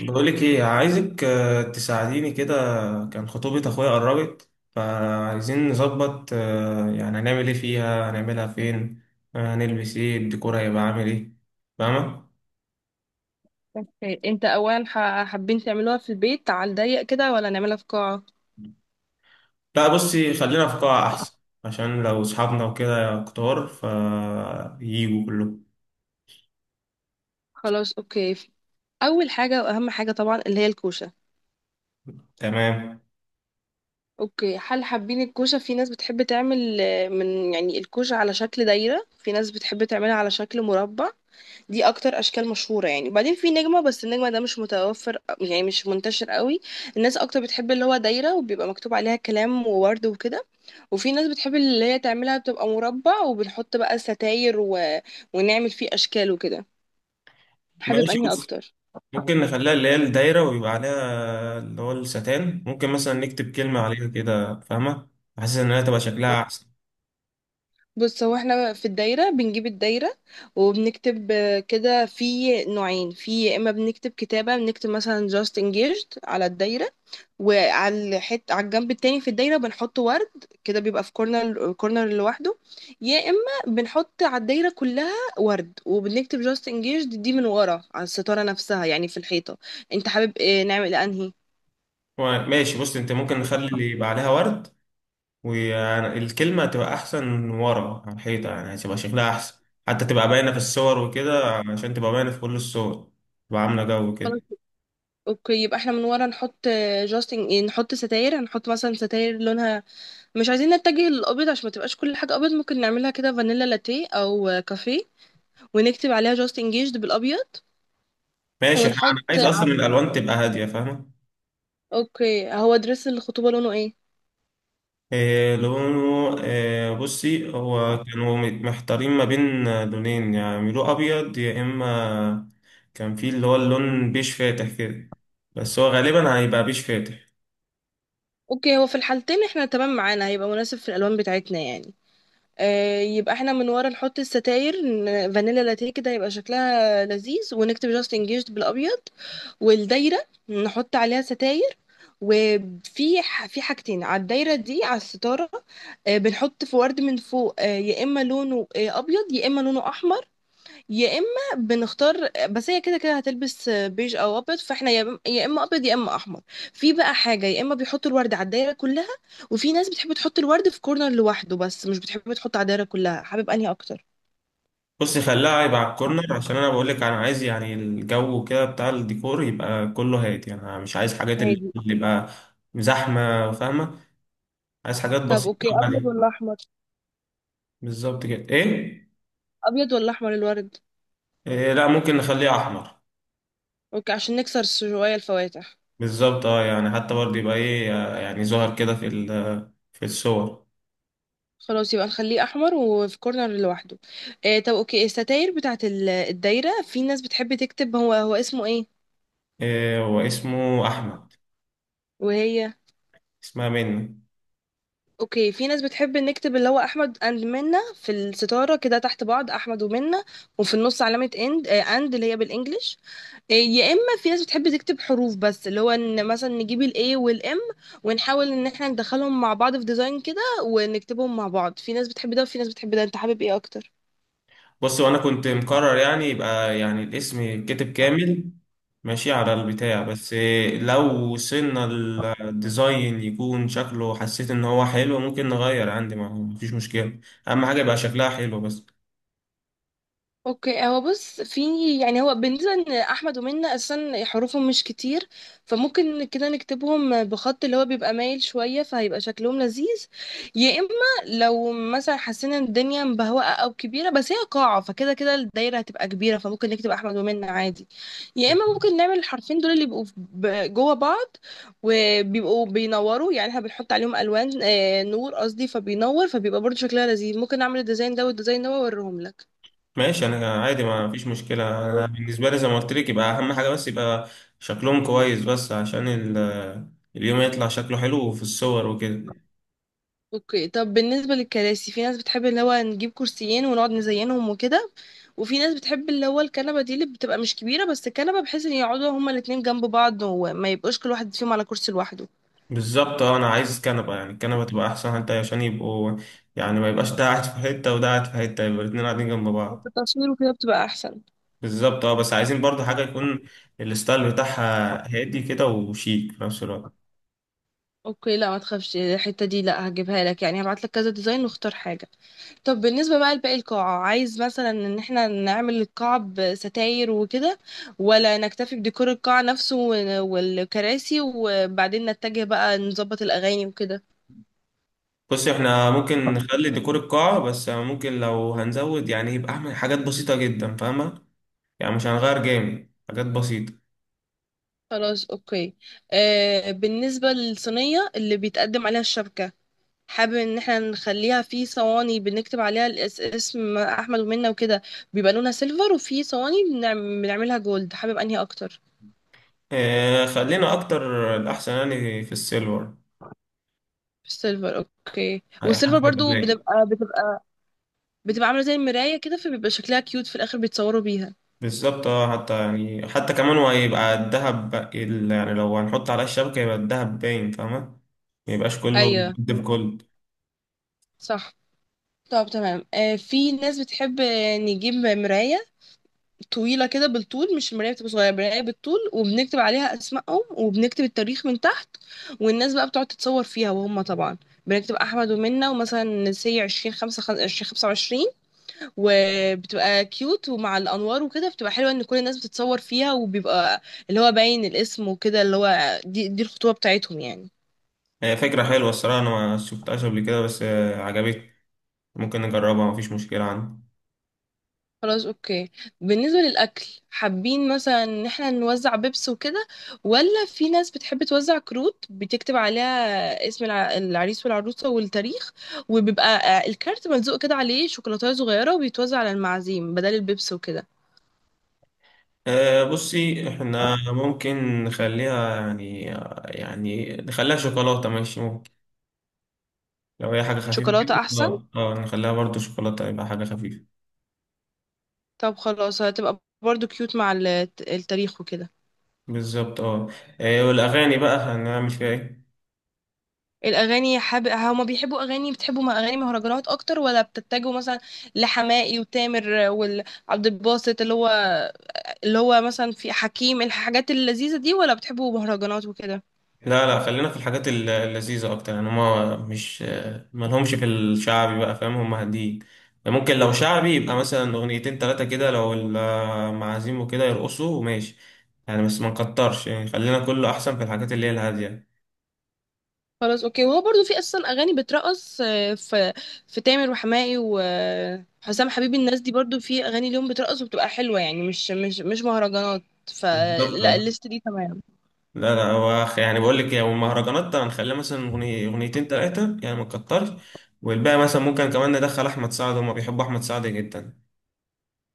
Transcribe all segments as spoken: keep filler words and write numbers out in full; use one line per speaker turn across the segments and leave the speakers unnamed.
بقولك ايه عايزك، آه، تساعديني كده. كان خطوبة اخويا قربت، فعايزين نظبط آه، يعني هنعمل ايه فيها، هنعملها فين. آه، هنلبس ايه، الديكور هيبقى عامل ايه. فاهمة؟
اوكي، انت اولا ح- حابين تعملوها في البيت على الضيق كده ولا نعملها في قاعة؟
لا بصي، خلينا في قاعة احسن. عشان لو اصحابنا وكده كتار فييجوا كلهم.
خلاص، اوكي. اول حاجة واهم حاجة طبعا اللي هي الكوشة.
تمام.
اوكي، هل حابين الكوشة؟ في ناس بتحب تعمل آه، من يعني الكوشة على شكل دايرة، في ناس بتحب تعملها على شكل مربع. دي اكتر اشكال مشهوره يعني، وبعدين في نجمه، بس النجمه ده مش متوفر، يعني مش منتشر قوي. الناس اكتر بتحب اللي هو دايره، وبيبقى مكتوب عليها كلام وورد وكده. وفي ناس بتحب اللي هي تعملها بتبقى مربع، وبنحط بقى ستاير و ونعمل فيه اشكال وكده. حابب
ماشي
انهي
بص،
اكتر؟
ممكن نخليها اللي هي الدايرة ويبقى عليها اللي هو الستان، ممكن مثلا نكتب كلمة عليها كده، فاهمة؟ حاسس إنها تبقى شكلها أحسن.
بص، هو احنا في الدايره بنجيب الدايره، وبنكتب آه، كده، في نوعين. في يا اما بنكتب كتابه، بنكتب مثلا just engaged على الدايره، وعلى الحت، على الجنب التاني في الدايرة بنحط ورد، كده بيبقى في كورنر كورنر لوحده. يا اما بنحط على الدايرة كلها ورد، وبنكتب جاست انجيجد دي من ورا على الستارة نفسها، يعني في الحيطة. انت حابب إيه؟ نعمل انهي؟
هو ماشي بص انت، ممكن نخلي اللي يبقى عليها ورد، والكلمة تبقى أحسن ورا على الحيطة، يعني هتبقى شكلها أحسن. حتى تبقى باينة في الصور وكده، عشان تبقى باينة في كل الصور. تبقى عاملة جو
خلاص،
كده.
اوكي. يبقى احنا من ورا نحط، جاست نحط ستاير، هنحط مثلا ستاير لونها، مش عايزين نتجه للابيض عشان ما تبقاش كل حاجة ابيض. ممكن نعملها كده فانيلا لاتيه او كافيه، ونكتب عليها جاست انجيجد بالابيض
ماشي، احنا-
ونحط.
أنا عايز أصلا الألوان تبقى هادية، فاهمة؟
اوكي، هو دريس الخطوبة لونه ايه؟
إيه لونه، إيه بصي، هو كانوا محتارين ما بين لونين، يعني يعملوه أبيض يا إما كان في اللي هو اللون بيش فاتح كده. بس هو غالبا هيبقى بيش فاتح.
اوكي، هو في الحالتين احنا تمام، معانا هيبقى مناسب في الالوان بتاعتنا يعني. آه، يبقى احنا من ورا نحط الستاير ن- فانيلا لاتيه كده، يبقى شكلها لذيذ، ونكتب جاست انجيجد بالابيض. والدايره نحط عليها ستاير، وفي ح- في حاجتين على الدايره دي، على الستاره. آه بنحط في ورد من فوق. آه يا اما لونه آه ابيض، يا اما لونه احمر، يا اما بنختار. بس هي كده كده هتلبس بيج او ابيض، فاحنا يا إما- يا اما ابيض يا اما احمر. في بقى حاجه، يا اما بيحطوا الورد على الدايره كلها، وفي ناس بتحب تحط الورد في كورنر لوحده بس مش بتحب تحط على الدايره كلها. حابب انهي اكتر؟
بص خليها يبقى على الكورنر، عشان انا بقول لك انا عايز يعني الجو كده بتاع الديكور يبقى كله هادي، يعني انا مش عايز حاجات اللي
هادي.
اللي يبقى زحمه، فاهمه؟ عايز حاجات
طب،
بسيطه
اوكي، ابيض
وهاديه.
ولا احمر؟
بالظبط كده ايه.
ابيض ولا احمر الورد؟
إيه لا، ممكن نخليه احمر.
اوكي، عشان نكسر شويه الفواتح.
بالظبط اه، يعني حتى برضه يبقى ايه آه، يعني ظهر كده في ال- في الصور.
خلاص، يبقى نخليه احمر وفي كورنر لوحده. آه، طب اوكي، الستاير بتاعت ال- الدايره، في ناس بتحب تكتب. هو، هو اسمه ايه؟
إيه، واسمه احمد.
وهي؟
اسمها منى.
اوكي، في ناس بتحب نكتب اللي هو احمد اند منى في الستاره كده تحت بعض، احمد ومنى. وفي النص علامه اند، اند اللي هي بالانجلش. آه، يا اما في ناس بتحب تكتب حروف بس، اللي هو ان مثلا نجيب الاي والام، ونحاول ان احنا ندخلهم مع بعض في ديزاين كده ونكتبهم مع بعض. في ناس بتحب ده وفي ناس بتحب ده، انت حابب ايه اكتر؟
بص، وانا كنت مقرر يعني يبقى يعني الاسم كتب كامل، ماشي على البتاع بس. لو وصلنا الديزاين يكون شكله حسيت ان هو حلو، ممكن نغير عندي ما ما فيش مشكلة. اهم حاجة يبقى شكلها حلو بس.
اوكي، هو بص، في يعني، هو بالنسبه ان احمد ومنة اصلا حروفهم مش كتير، فممكن كده نكتبهم بخط اللي هو بيبقى مايل شويه، فهيبقى شكلهم لذيذ. يا اما لو مثلا حسينا ان الدنيا مبهوأه او كبيره، بس هي قاعه، فكده كده الدايره هتبقى كبيره، فممكن نكتب احمد ومنة عادي. يا اما ممكن نعمل الحرفين دول اللي بيبقوا في- ب- جوه بعض، وبيبقوا بينوروا، يعني احنا بنحط عليهم الوان، آه، نور قصدي، فبينور، فبيبقى برضه شكلها لذيذ. ممكن نعمل الديزاين ده والديزاين ده واوريهم لك.
ماشي انا عادي ما فيش مشكلة، انا بالنسبة لي زي ما قلت لك يبقى اهم حاجة بس يبقى شكلهم كويس، بس عشان ال- اليوم يطلع شكله حلو في الصور وكده.
اوكي، طب بالنسبة للكراسي، في ناس بتحب اللي هو نجيب كرسيين ونقعد نزينهم وكده، وفي ناس بتحب اللي هو الكنبة دي اللي بتبقى مش كبيرة، بس الكنبة بحيث ان يقعدوا هما الاتنين جنب بعض وما يبقوش كل واحد فيهم على كرسي لوحده،
بالظبط اه، انا عايز كنبه، يعني الكنبه تبقى احسن حتى عشان يبقوا يعني ما يبقاش ده قاعد في حته وده قاعد في حته، يبقى الاتنين قاعدين جنب
وفي
بعض.
التصوير وكده بتبقى احسن.
بالظبط اه، بس عايزين برضو حاجه يكون الستايل بتاعها هادي كده وشيك في نفس الوقت.
اوكي، لا، ما تخافش، الحتة دي لا، هجيبها لك يعني، هبعت لك كذا ديزاين واختار حاجة. طب بالنسبة بقى لباقي القاعة، عايز مثلا ان احنا نعمل القاعة بستاير وكده، ولا نكتفي بديكور القاعة نفسه وال- والكراسي، وبعدين نتجه بقى نظبط الأغاني وكده؟
بص، احنا ممكن نخلي ديكور القاعه بس، ممكن لو هنزود يعني يبقى اعمل حاجات بسيطه جدا، فاهمه؟ يعني مش هنغير جامد، حاجات بسيطه.
خلاص، اوكي. آه بالنسبة للصينية اللي بيتقدم عليها الشبكة، حابب ان احنا نخليها في صواني بنكتب عليها الاس- اسم احمد ومنة وكده، بيبقى لونها سيلفر، وفي صواني بنعم- بنعملها جولد. حابب انهي اكتر؟
اه خلينا اكتر الاحسن يعني في السيلفر.
سيلفر، اوكي. والسيلفر
هيبقى
برضو
لايق.
بتبقى بتبقى بتبقى عاملة زي المراية كده، فبيبقى شكلها كيوت في الاخر بيتصوروا بيها.
بالظبط اه، حتى يعني حتى كمان هو هيبقى الدهب بق- ال- يعني لو هنحط على الشبكة يبقى الدهب باين، فاهمة؟ ميبقاش كله
ايوه.
دب كله.
صح. طب، تمام. آه في ناس بتحب آه، نجيب مراية طويلة كده بالطول، مش المراية بتبقى صغيرة، المراية بالطول، وبنكتب عليها أسمائهم وبنكتب التاريخ من تحت، والناس بقى بتقعد تتصور فيها، وهم طبعا بنكتب أحمد ومنة، ومثلا سي عشرين خمسة خ- عشرين خمسة وعشرين، وبتبقى كيوت، ومع الأنوار وكده بتبقى حلوة، إن كل الناس بتتصور فيها، وبيبقى اللي هو باين الاسم وكده، اللي هو دي, دي الخطوبة بتاعتهم يعني.
هي فكرة حلوة الصراحة، أنا ما شفتهاش قبل كده، بس آه، عجبتني. ممكن نجربها، مفيش مشكلة عندي.
خلاص، اوكي. بالنسبة للأكل، حابين مثلا ان احنا نوزع بيبس وكده، ولا في ناس بتحب توزع كروت بتكتب عليها اسم الع- العريس والعروسة والتاريخ، وبيبقى آه، الكارت ملزوق كده عليه شوكولاتة صغيرة، وبيتوزع على المعازيم بدل البيبس وكده.
آه، بصي احنا ممكن نخليها يعني، يعني نخليها شوكولاتة، ماشي ممكن. لو هي حاجة خفيفة
شوكولاتة
كده
أحسن.
اه اه نخليها برضو شوكولاتة يبقى حاجة خفيفة.
طب، خلاص، هتبقى برضو كيوت مع ال- التاريخ وكده.
بالظبط اه. آه، والأغاني بقى هنعمل فيها ايه؟
الأغاني، حاب، هما بيحبوا أغاني، بتحبوا م- أغاني مهرجانات أكتر ولا بتتجهوا مثلا لحماقي وتامر وعبد الباسط، اللي هو اللي هو مثلا في حكيم، الحاجات اللذيذة دي، ولا بتحبوا مهرجانات وكده؟
لا لا، خلينا في الحاجات الل- اللذيذة أكتر، يعني هما مش ملهمش في الشعبي بقى، فاهم؟ هما هاديين. ممكن لو شعبي يبقى مثلا أغنيتين تلاتة كده لو المعازيم وكده يرقصوا ماشي، يعني بس ما نكترش، يعني خلينا كله أحسن في الحاجات اللي هي الهادية.
خلاص، اوكي. وهو برضو في اصلا اغاني بترقص، آه، في في تامر وحماقي وحسام حبيبي، الناس دي برضو في اغاني ليهم بترقص وبتبقى حلوة، يعني مش مش مش مهرجانات.
بالظبط
فلا،
آه.
الليست دي تمام.
لا لا، هو أخ- يعني بقول لك، يعني المهرجانات هنخليها مثلا أغني- أغنيتين تلاتة، يعني ما نكترش. والباقي مثلا ممكن كمان ندخل أحمد سعد، هما بيحبوا أحمد سعد جدا.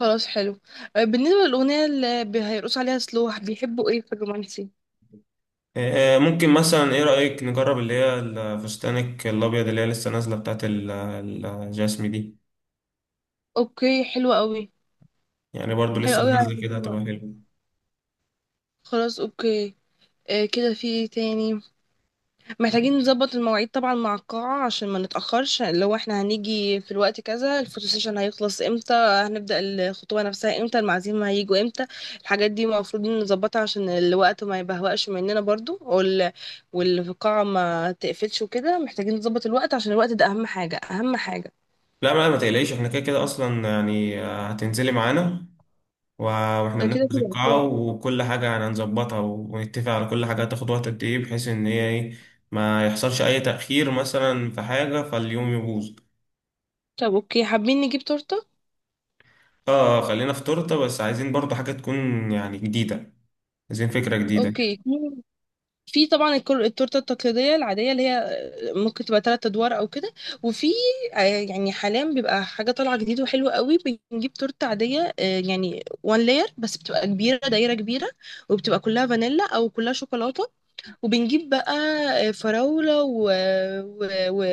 خلاص، حلو. آه، بالنسبة للأغنية اللي بي- هيرقصوا عليها، سلوح بيحبوا ايه في الرومانسي؟
آه، ممكن مثلا ايه رأيك نجرب اللي هي الفستانك الابيض اللي هي لسه نازله بتاعت ال- الجاسمي دي.
اوكي، حلوة قوي.
يعني برضو
حلوة
لسه
قوي،
نازله كده
هيحبوها.
هتبقى حلوه.
خلاص، اوكي. آه، كده في إيه تاني؟ محتاجين نظبط المواعيد طبعا مع القاعة عشان ما نتأخرش، اللي هو احنا هنيجي في الوقت كذا، الفوتو سيشن هيخلص امتى، هنبدأ الخطوة نفسها امتى، المعازيم هيجوا امتى. الحاجات دي المفروض نظبطها عشان الوقت ما يبهوأش مننا برضو، وال... والقاعة ما تقفلش وكده، محتاجين نظبط الوقت عشان الوقت ده أهم حاجة أهم حاجة.
لا ما ما تقلقيش، احنا كده كده اصلا يعني آه، هتنزلي معانا و- واحنا
ده كده
بنحجز
كده.
القاعه
أوكي.
وكل حاجه، يعني هنظبطها ونتفق على كل حاجه هتاخد وقت قد ايه، بحيث ان هي ايه ما يحصلش اي تأخير مثلا في حاجه فاليوم يبوظ.
طب، اوكي، حابين نجيب تورتة؟
اه آه، خلينا في تورته، بس عايزين برضو حاجه تكون يعني جديده، عايزين فكره جديده.
اوكي، في طبعا الكل- التورته التقليديه العاديه اللي هي، آه، ممكن تبقى ثلاث ادوار او كده، وفي آه، يعني حاليا بيبقى حاجه طالعه جديد وحلوه قوي. بنجيب تورته عاديه، آه، يعني وان لاير، بس بتبقى كبيره، دايره كبيره، وبتبقى كلها فانيلا او كلها شوكولاته. وبنجيب بقى آه، فراوله و و و,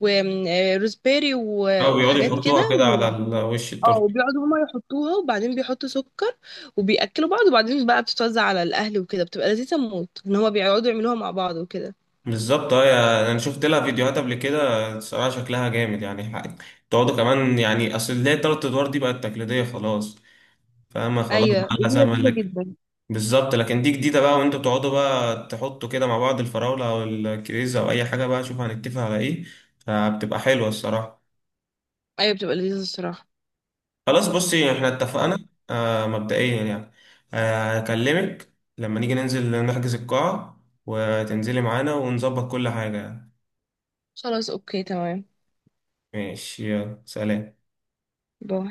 و... آه، روزبيري و...
او بيقعدوا
وحاجات كده.
يحطوها كده على ال- وش
اه،
التورته.
وبيقعدوا هما يحطوها، وبعدين بيحطوا سكر، وبيأكلوا بعض، وبعدين بقى بتتوزع على الأهل وكده، بتبقى لذيذة موت إن هما بيقعدوا يعملوها مع بعض وكده.
بالظبط اه يا- انا شفت لها فيديوهات قبل كده، الصراحه شكلها جامد يعني حق- تقعدوا كمان، يعني اصل اللي هي التلات ادوار دي بقت تقليديه خلاص، فاهمه؟ خلاص
أيوة،
بقى
دي
لها زمن
لذيذة
لك.
جدا.
بالظبط، لكن دي جديده بقى وانتوا بتقعدوا بقى تحطوا كده مع بعض الفراوله او الكريزه او اي حاجه بقى، شوف هنتفق على ايه. فبتبقى حلوه الصراحه.
أيوة، بتبقى لذيذة الصراحة.
خلاص بصي احنا اتفقنا آه مبدئيا يعني. آه، هكلمك لما نيجي ننزل نحجز القاعه وتنزلي معانا ونظبط كل حاجه.
خلاص، أوكي، تمام.
ماشي يلا سلام.
باي.